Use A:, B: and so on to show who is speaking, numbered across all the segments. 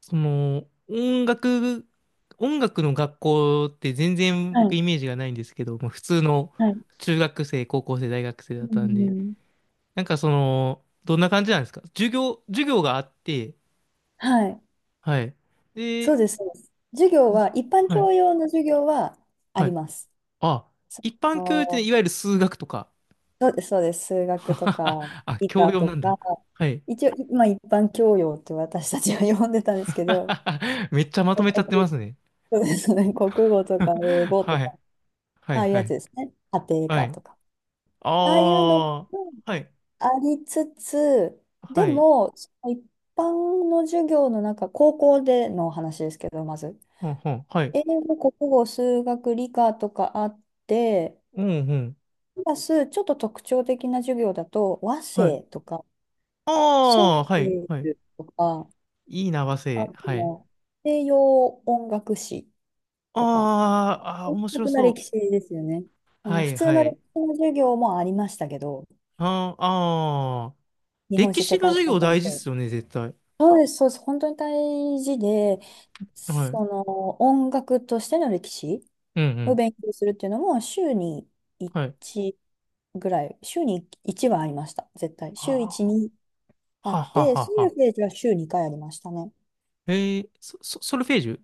A: その、音楽、音楽の学校って全然
B: は
A: 僕
B: い。
A: イメージがないんですけど、まあ、普通の
B: はい。
A: 中学生、高校生、大学生だ
B: う
A: ったんで、
B: ん、
A: どんな感じなんですか？授業があって、
B: はい。
A: はい。
B: そ
A: で、
B: うです。そうです。授業
A: ず
B: は、一般
A: はい、
B: 教養の授業はあ
A: は
B: り
A: い。
B: ます。
A: あ、
B: そ
A: 一般教養ってね、
B: の、
A: いわゆる数学とか。
B: そうです、そうです。数学とか、
A: あ、
B: 理
A: 教
B: 科
A: 養
B: と
A: なんだ。
B: か、
A: はい。
B: 一応、まあ、一般教養って私たちは呼んでたんですけど、
A: めっちゃまとめちゃって
B: 国、
A: ますね。
B: そうですね。国語とか英 語と
A: は
B: か、
A: い。は
B: あ
A: い、
B: あいう
A: は
B: やつ
A: い。
B: ですね。家庭
A: は
B: 科
A: い。
B: とか。
A: あ
B: ああいうのも
A: あ、はい、
B: ありつつ、
A: は
B: で
A: い。
B: も、その一般の授業の中、高校での話ですけど、まず。
A: うんうん。はい。
B: 英語、国語、数学、理科とかあって、
A: うんうん。
B: プラスちょっと特徴的な授業だと和
A: はい。
B: 声とか、
A: あ
B: ソウ
A: あ、はい。
B: ル
A: はい。
B: とか、
A: いいな、和
B: あ
A: 製。はい。
B: と西洋音楽史とか、
A: あーあー、
B: 音
A: 面白
B: 楽な
A: そ
B: 歴
A: う。
B: 史ですよね。あ
A: は
B: の普
A: い、
B: 通
A: は
B: の
A: い。
B: 歴史の授業もありましたけど、
A: あーあー、
B: 日本
A: 歴
B: 史世
A: 史の
B: 界史
A: 授
B: の
A: 業
B: 先
A: 大事っ
B: 生。
A: すよね、絶対。
B: そうです、そうです。本当に大事で、
A: はい。うん
B: その音楽としての歴史
A: う
B: を
A: ん。
B: 勉強するっていうのも週に
A: はい。
B: 1ぐらい、週に1はありました、絶対。週
A: あ
B: 1にあ
A: ーは
B: っ
A: は
B: て、
A: は
B: ソル
A: は。
B: フェージュは週2回ありましたね。
A: えー、ソルフェージュ。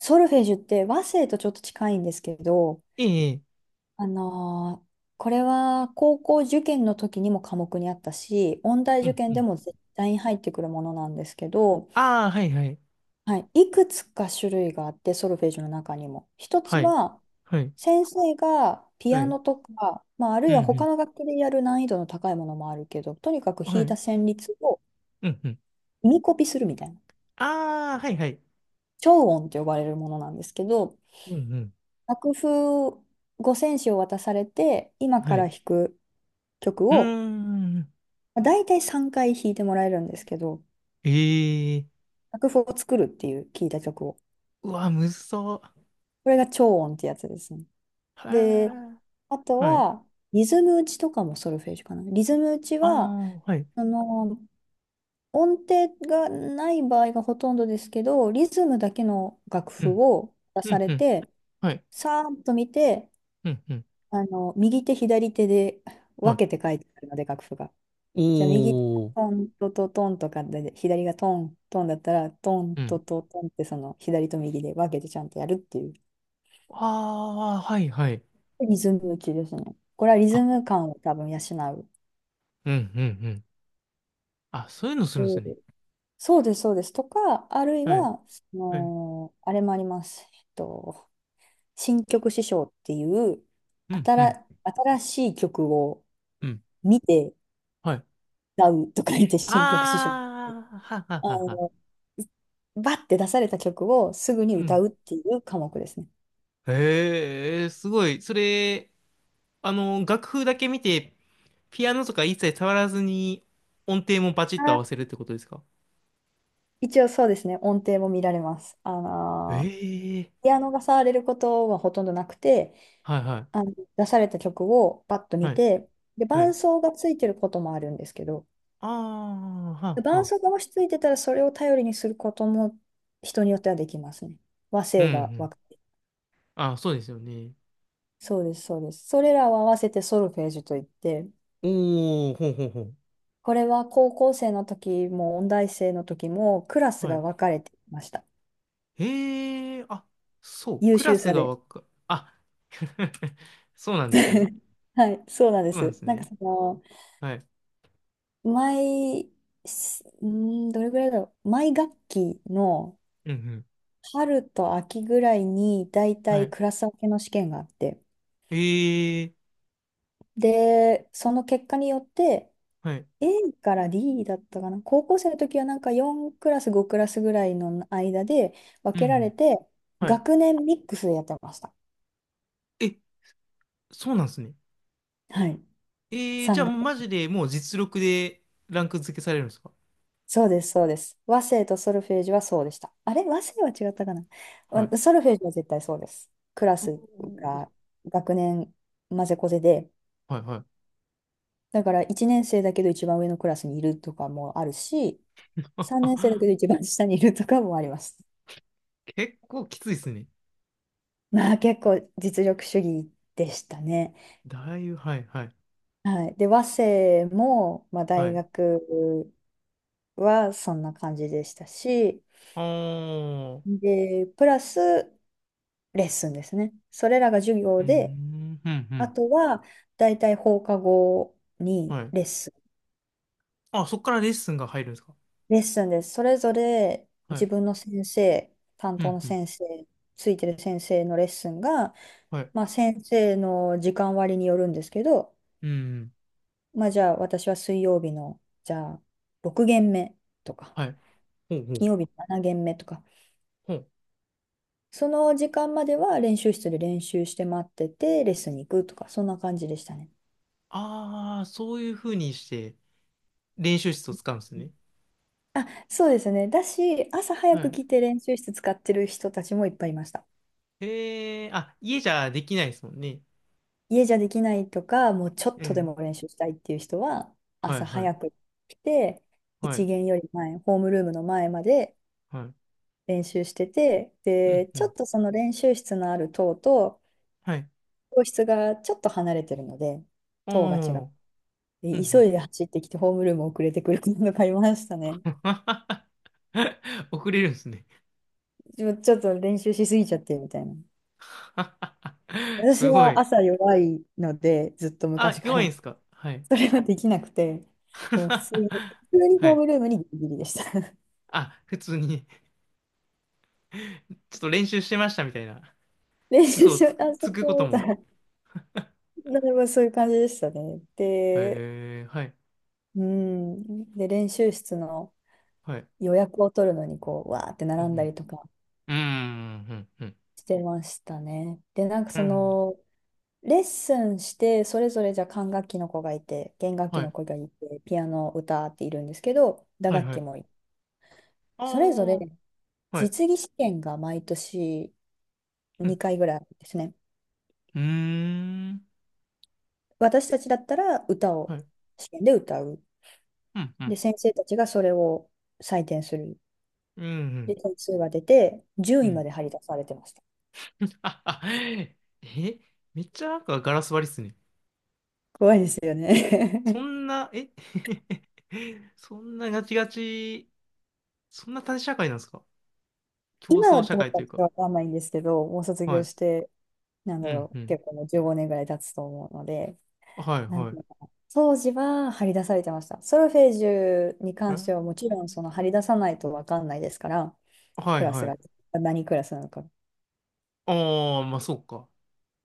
B: ソルフェージュって和声とちょっと近いんですけど、
A: ええ、ええ。
B: あのーこれは高校受験の時にも科目にあったし、音大
A: う
B: 受
A: んう
B: 験で
A: ん。
B: も絶対に入ってくるものなんですけど、
A: ああ、はい、はい。
B: はい、いくつか種類があって、ソルフェージュの中にも。一つ
A: はい。
B: は、
A: はい。
B: 先生がピ
A: は
B: ア
A: い。
B: ノとか、まあ、ある
A: う
B: いは他
A: ん
B: の楽器でやる難易度の高いものもあるけど、とにかく
A: うん。は
B: 弾いた
A: い。
B: 旋律を
A: うんうん。
B: 耳コピするみたいな、
A: ああ、はい、はい。
B: 超音って呼ばれるものなんですけど、
A: うんうん。
B: 楽譜五線紙を渡されて、今か
A: は
B: ら
A: い。
B: 弾く曲
A: うー
B: を、
A: ん。
B: まあ、大体3回弾いてもらえるんですけど、
A: ええ。
B: 楽譜を作るっていう聞いた曲を。
A: うわ、むずそ
B: これが超音ってやつですね。
A: う。へ
B: で、
A: え。
B: あと
A: はい。
B: は、リズム打ちとかもソルフェージュかな。リズム打ち
A: あ
B: は、
A: あ、はい。
B: その、音程がない場合がほとんどですけど、リズムだけの楽
A: う
B: 譜
A: ん。
B: を出
A: う
B: さ
A: ん、
B: れ
A: うん。
B: て、
A: はい。
B: さーっと見て、
A: うん、うん。
B: あの、右手、左手で
A: は
B: 分
A: い。
B: けて書いてあるので、楽譜が。じゃあ、右手が
A: おー。
B: トントトトンとかで、左がトントンだったら、トン
A: う
B: ト
A: ん。
B: トトンって、その、左と右で分けてちゃんとやるっていう、
A: ああ、はい、はい。
B: リズム打ちですね。これはリ
A: あ、
B: ズム感を多分養
A: うん、うん、うん。あ、そういうのするんですね。
B: う。そうです、そうです。とか、あるい
A: はい。
B: は、そ
A: はい。
B: の、あれもあります。新曲師匠っていう、
A: うん、うん、
B: 新しい曲を
A: うん。
B: 見て
A: はい。
B: 歌うとか言って、新曲師匠。
A: ああ、はは
B: あ
A: はは。
B: の、バッて出された曲をすぐに
A: う
B: 歌
A: ん。
B: うっていう科目ですね。
A: へえ、すごい。それ、あの、楽譜だけ見て、ピアノとか一切触らずに、音程もバチッと合わ
B: あ
A: せるってことですか？
B: 一応そうですね、音程も見られます。
A: ええ、
B: ピアノが触れることはほとんどなくて、
A: はいは
B: あ
A: い。
B: の、出された曲をバッと見
A: はい
B: て、で、
A: は
B: 伴
A: い。
B: 奏がついてることもあるんですけど、
A: ああ、はあ、は
B: 伴
A: あ。
B: 奏が落ち着いてたらそれを頼りにすることも人によってはできますね。和
A: うん、う
B: 声が分
A: ん。
B: かる。
A: あ、そうですよね。
B: そうです、そうです。それらを合わせてソルフェージュといって、
A: おー、ほうほうほう。
B: これは高校生の時も音大生の時もクラス
A: は
B: が
A: い。
B: 分かれていました。
A: へえ、あ、そう、
B: 優
A: クラ
B: 秀
A: ス
B: さ
A: が
B: で。
A: わか、あ、そうなんですね。
B: はい、そうなんで
A: そうなんで
B: す。
A: す
B: なんか
A: ね。
B: その、
A: はい。
B: 毎、すうーん、どれぐらいだろう。毎学期の
A: うん、うん。
B: 春と秋ぐらいに、だいた
A: は
B: い
A: い。
B: クラス分けの試験があって、
A: ええ、
B: で、その結果によって、
A: はい。
B: A から D だったかな。高校生の時はなんか4クラス、5クラスぐらいの間で分
A: うん、う
B: けられ
A: ん。
B: て、
A: はい。
B: 学年ミックスでやってました。
A: え、そうなんですね。
B: はい。
A: ええ、じゃ
B: 3
A: あ
B: 学
A: もうマジ
B: 年。
A: でもう実力でランク付けされるんですか？
B: そうです、そうです。和声とソルフェージュはそうでした。あれ和声は違ったかな
A: は
B: 。
A: い。
B: ソルフェージュは絶対そうです。クラ
A: う
B: ス
A: おー。
B: が学年混ぜこぜで、
A: はい、は
B: だから1年生だけど一番上のクラスにいるとかもあるし、3年生だけど一番下にいるとかもあります。
A: い。結構きついですね。
B: まあ結構実力主義でしたね。
A: だいぶ、はい、はい。
B: はい。で、和製も、まあ、
A: は
B: 大
A: い。
B: 学はそんな感じでしたし、
A: あー、う
B: で、プラスレッスンですね。それらが授
A: ー
B: 業で、
A: ん、うん、う
B: あ
A: ん、
B: とは大体放課後に
A: はい。
B: レッスン。
A: あ、そっからレッスンが入るんですか？
B: レッスンです。それぞれ
A: は
B: 自
A: い、
B: 分の先生、担
A: う
B: 当
A: ん、
B: の
A: うん、
B: 先生、ついてる先生のレッスンが、
A: はい、
B: まあ、先生の時間割によるんですけど、
A: うん。
B: まあ、じゃあ私は水曜日の、じゃあ6限目とか。
A: はい。ほうほう、
B: 金曜日7限目とか、
A: ほう。
B: その時間までは練習室で練習して待ってて、レッスンに行くとか、そんな感じでしたね。
A: ああ、そういう風にして練習室を使うんですね。
B: あ、そうですね。だし、朝早
A: は
B: く
A: い。
B: 来て練習室使ってる人たちもいっぱいいました。
A: ええ、あ、家じゃできないですもんね。
B: 家じゃできないとか、もうちょっ
A: う
B: とで
A: ん。
B: も練習したいっていう人は、
A: はい、
B: 朝
A: はい、
B: 早く来て、
A: は
B: 一
A: い、
B: 限より前、ホームルームの前まで
A: はい。
B: 練習してて、
A: うん、
B: で、
A: う
B: ちょ
A: ん。
B: っとその練習室のある棟と、
A: はい。
B: 教室がちょっと離れてるので、
A: お
B: 棟が違う。
A: ー、うん、う
B: で急
A: ん。
B: いで走ってきてホームルーム遅れてくるのがいましたね。
A: 遅れるんですね。
B: ちょっと練習しすぎちゃってみたいな。私
A: すご
B: は
A: い。
B: 朝弱いので、ずっと
A: あ、
B: 昔か
A: 弱いんで
B: ら。
A: すか？はい。
B: それはできなくて、もう普通に、普通に
A: は
B: ホー
A: い。
B: ムルームにギリギリでした。
A: あ、普通に ちょっと練習してましたみたいな、
B: 練習
A: 嘘を
B: しよ
A: つ
B: う、
A: く、
B: あ、そ
A: つ
B: う
A: くこ
B: そ
A: と
B: うみたい
A: も。
B: な。なるほどそういう感じでしたね。で、
A: へえ、はい、
B: うん。で、練習室の
A: はい。
B: 予約を取るのに、こう、わーって
A: う
B: 並んだ
A: ん、
B: りとか
A: うん、うん、うん、
B: してましたね。で、なんか
A: うん、
B: そ
A: うん。
B: の、レッスンして、それぞれじゃあ管楽器の子がいて、弦楽器
A: は
B: の
A: い、
B: 子がいて、ピアノ、歌っているんですけど、打
A: はい、
B: 楽
A: は
B: 器も
A: い。
B: いる。
A: あ
B: それぞれ
A: あ、はい、
B: 実技試験が毎年
A: うん、
B: 2回ぐらいあるんですね。
A: うーん、
B: 私たちだったら歌
A: は
B: を
A: い、
B: 試験で歌う。
A: うん、うん、
B: で、先生たちがそれを採点する。
A: うん、う
B: で、
A: ん。
B: 点数が出て、1
A: う
B: 位ま
A: ん。
B: で張り出されてました。
A: ああえ、めっちゃなんかガラス張りっすね。
B: 怖いですよ
A: そ
B: ね。
A: んな、え、 そんなガチガチ、そんな縦社会なんですか？ 競
B: 今は
A: 争社
B: どう
A: 会
B: か
A: とい
B: ち
A: う
B: ょっと
A: か。
B: わかんないんですけど、もう卒
A: は
B: 業
A: い。
B: して、なん
A: う
B: だ
A: ん、
B: ろ
A: う
B: う、
A: ん。
B: 結構もう15年ぐらい経つと思うので、
A: はい、
B: なん
A: は
B: か、
A: い。
B: 当時は張り出されてました。ソルフェージュに関してはもち
A: え、
B: ろんその張り出さないと分かんないですから、
A: は
B: ク
A: い
B: ラス
A: は
B: が
A: い。
B: 何クラスなのか。
A: ああ、まあそうか。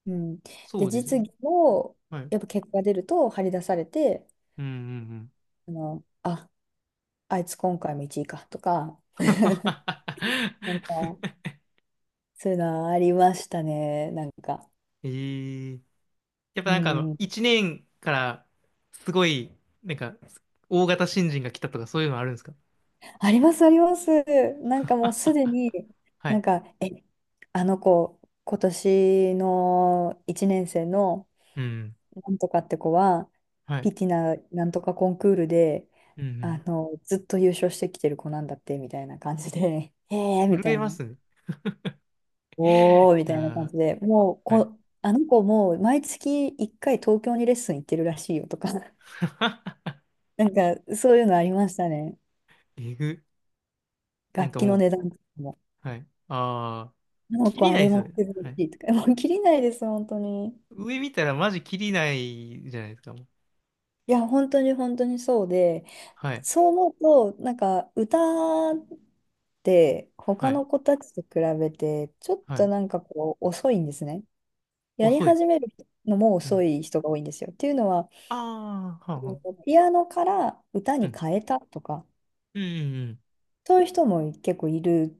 B: うん、
A: そ
B: で、
A: うです
B: 実
A: ね。
B: 技も
A: はい。
B: やっぱ結果が出ると張り出されて、
A: うんうんうん。
B: あの、あいつ今回も一位かとか、なんか、そういうのありましたね、なんか。
A: ええ。やっぱ
B: う
A: なんかあの、
B: ん、
A: 一年からすごい、なんか、大型新人が来たとかそういうのあるんですか？
B: あります、あります。なんかもうすでに、
A: は
B: なん
A: い。
B: か、あの子、今年の1年生の、
A: うん。
B: なんとかって子は、
A: はい。
B: ピティナなんとかコンクールで、
A: うんう
B: あ
A: ん。
B: の、ずっと優勝してきてる子なんだって、みたいな感じで、へえーみ
A: 震
B: た
A: え
B: い
A: ま
B: な、
A: すね。い
B: おーみた
A: や
B: いな感
A: ー、
B: じで、もう
A: はい。
B: こ、あの子もう毎月1回東京にレッスン行ってるらしいよとか、なんかそういうのありましたね。
A: えぐ。なん
B: 楽
A: か
B: 器
A: も
B: の
A: う、
B: 値段、
A: はい。ああ、
B: あの
A: 切
B: 子
A: り
B: あ
A: ない
B: れ
A: です
B: 持
A: よ
B: っ
A: ね。
B: てるら
A: は
B: し
A: い。
B: いとか、もう切りないです、本当に。
A: 上見たらマジ切りないじゃないですか、もう。
B: いや、本当に本当にそうで、
A: はい。
B: そう思うと、なんか歌って
A: は
B: 他
A: い。
B: の子たちと比べて、ちょっ
A: は
B: と
A: い。
B: なんかこう遅いんですね。やり
A: 遅い。
B: 始めるのも
A: う
B: 遅
A: ん。
B: い人が多いんですよ。っていうのは、
A: ああ、はあ、はあ。
B: ピアノから歌
A: う
B: に
A: ん。
B: 変えたとか、
A: うん、
B: そういう人も結構いる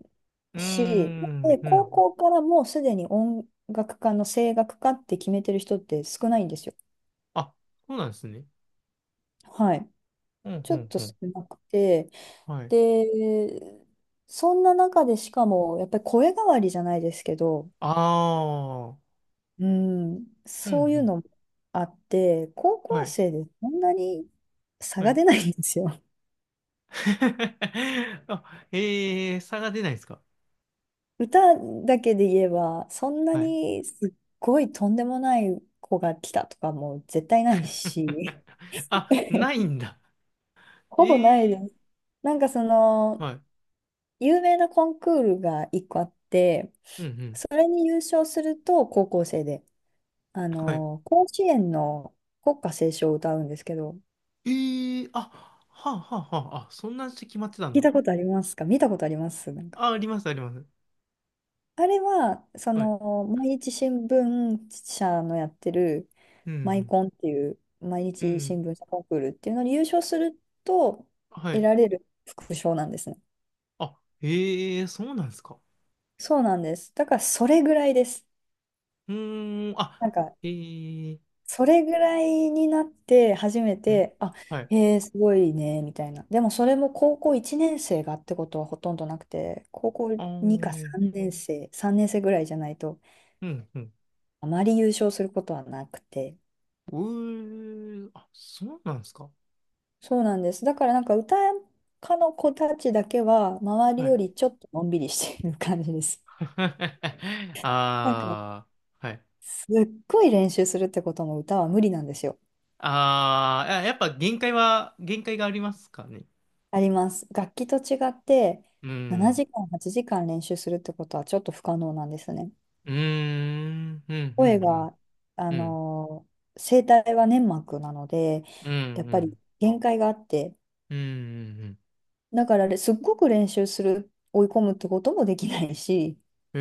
A: う
B: し、
A: ん、うん。
B: で、
A: うーん、う
B: 高
A: ん。
B: 校からもうすでに音楽家の声楽家って決めてる人って少ないんですよ。
A: あ、そうなんですね。
B: はい。
A: うん、
B: ち
A: う
B: ょっ
A: ん、
B: と
A: う
B: 少
A: ん。
B: なくて、
A: はい。
B: で、そんな中でしかも、やっぱり声変わりじゃないですけど、
A: ああ、
B: うん、
A: うん、う
B: そういう
A: ん。
B: のもあって、高
A: は
B: 校
A: い、
B: 生でそんなに差
A: は
B: が
A: い。
B: 出ないんですよ。
A: あ、ええー、差が出ないですか？
B: 歌だけで言えば、そんな
A: はい。
B: にすっごいとんでもない子が来たとかも絶対ないし、
A: あ、ないんだ。ええ
B: ほぼないです。
A: ー。
B: なんかその、
A: はい。
B: 有名なコンクールが1個あって、
A: うんうん。
B: それに優勝すると高校生で。あ
A: はい。
B: の、甲子園の国歌斉唱を歌うんですけど、
A: ええー、あ、はあはあはあ、あ、そんなして決まってたん
B: 聞い
A: だ。
B: たことありますか？見たことありますなんか。
A: あ、あります、あります。
B: あれは、そ
A: はい。
B: の、毎日新聞社のやってる、
A: う
B: マイ
A: ん
B: コンっていう、毎
A: うん。う
B: 日新
A: ん。
B: 聞社コンクールっていうのに優勝すると、
A: は
B: 得
A: い。
B: られる副賞なんですね。
A: あ、ええ、そうなんですか。
B: そうなんです。だから、それぐらいです。
A: うーん、あ、
B: なんか、
A: えええ。
B: それぐらいになって初めて、あ、
A: はい。
B: へえー、すごいね、みたいな。でもそれも高校1年生がってことはほとんどなくて、高校
A: ああ、う
B: 2か
A: ん、
B: 3年生、3年生ぐらいじゃないと、
A: うん。
B: あまり優勝することはなくて。
A: うー、あ、そうなんですか。
B: そうなんです。だからなんか歌家の子たちだけは、周り
A: は
B: よ
A: い。
B: りちょっとのんびりしている感じです。なんか、
A: ああ、はい。
B: すっごい練習するってことも歌は無理なんですよ。
A: ああ、や、やっぱ限界がありますかね。
B: あります。楽器と違って
A: う
B: 7
A: ん。
B: 時間、8時間練習するってことはちょっと不可能なんですね。
A: うーん、うん、う
B: 声
A: ん、
B: が、あ
A: うん。うん、
B: の声帯は粘膜なので、
A: うん、
B: やっ
A: う
B: ぱり
A: ん、
B: 限界があって、
A: うん、うん。うん。
B: だかられすっごく練習する、追い込むってこともできないし、
A: へ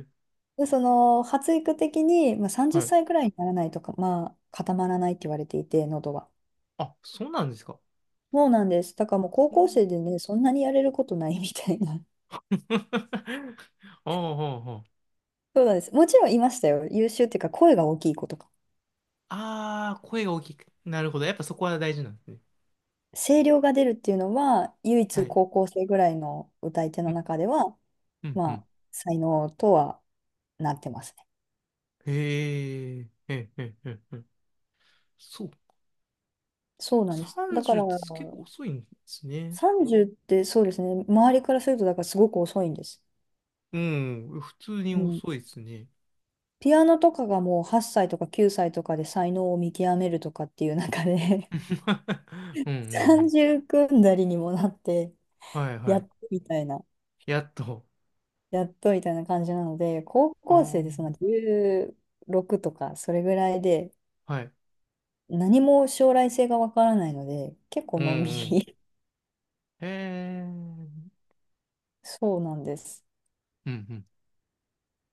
A: え。
B: で、その発育的に、まあ、30
A: はい。
B: 歳くらいにならないとか、まあ、固まらないって言われていて、喉は。
A: あ、そうなんですか。
B: そうなんです。だからもう高
A: う
B: 校
A: ん。
B: 生でね、そんなにやれることないみたいな。
A: ああ、ああ、あ。
B: そうなんです。もちろんいましたよ。優秀っていうか、声が大きい子とか。
A: ああ、声が大きく。なるほど。やっぱそこは大事なんですね。
B: 声量が出るっていうのは、唯
A: は
B: 一
A: い。
B: 高校生ぐらいの歌い手
A: う
B: の
A: ん、
B: 中では、
A: うん、う
B: ま
A: ん。
B: あ、才能とはなってますね。
A: へえ、へえ、へえ、へえ。へー、そうか。
B: そうなんです。だか
A: 30っ
B: ら、
A: て結構遅いんですね。
B: 30ってそうですね、周りからすると、だからすごく遅いんです。
A: うん、普通に
B: うん。
A: 遅いですね。
B: ピアノとかがもう8歳とか9歳とかで才能を見極めるとかっていう中で
A: うん、うん、うん。
B: 30組んだりにもなって、
A: はい、は
B: やっと
A: い。
B: みたいな、
A: やっと。
B: やっとみたいな感じなので、高
A: あ
B: 校生
A: あ、
B: でその16とか、それぐらいで、
A: はい。
B: 何も将来性がわからないので、結構
A: うん、
B: のんび
A: うん。
B: り。
A: へえ、うん、
B: そうなんです。
A: うん、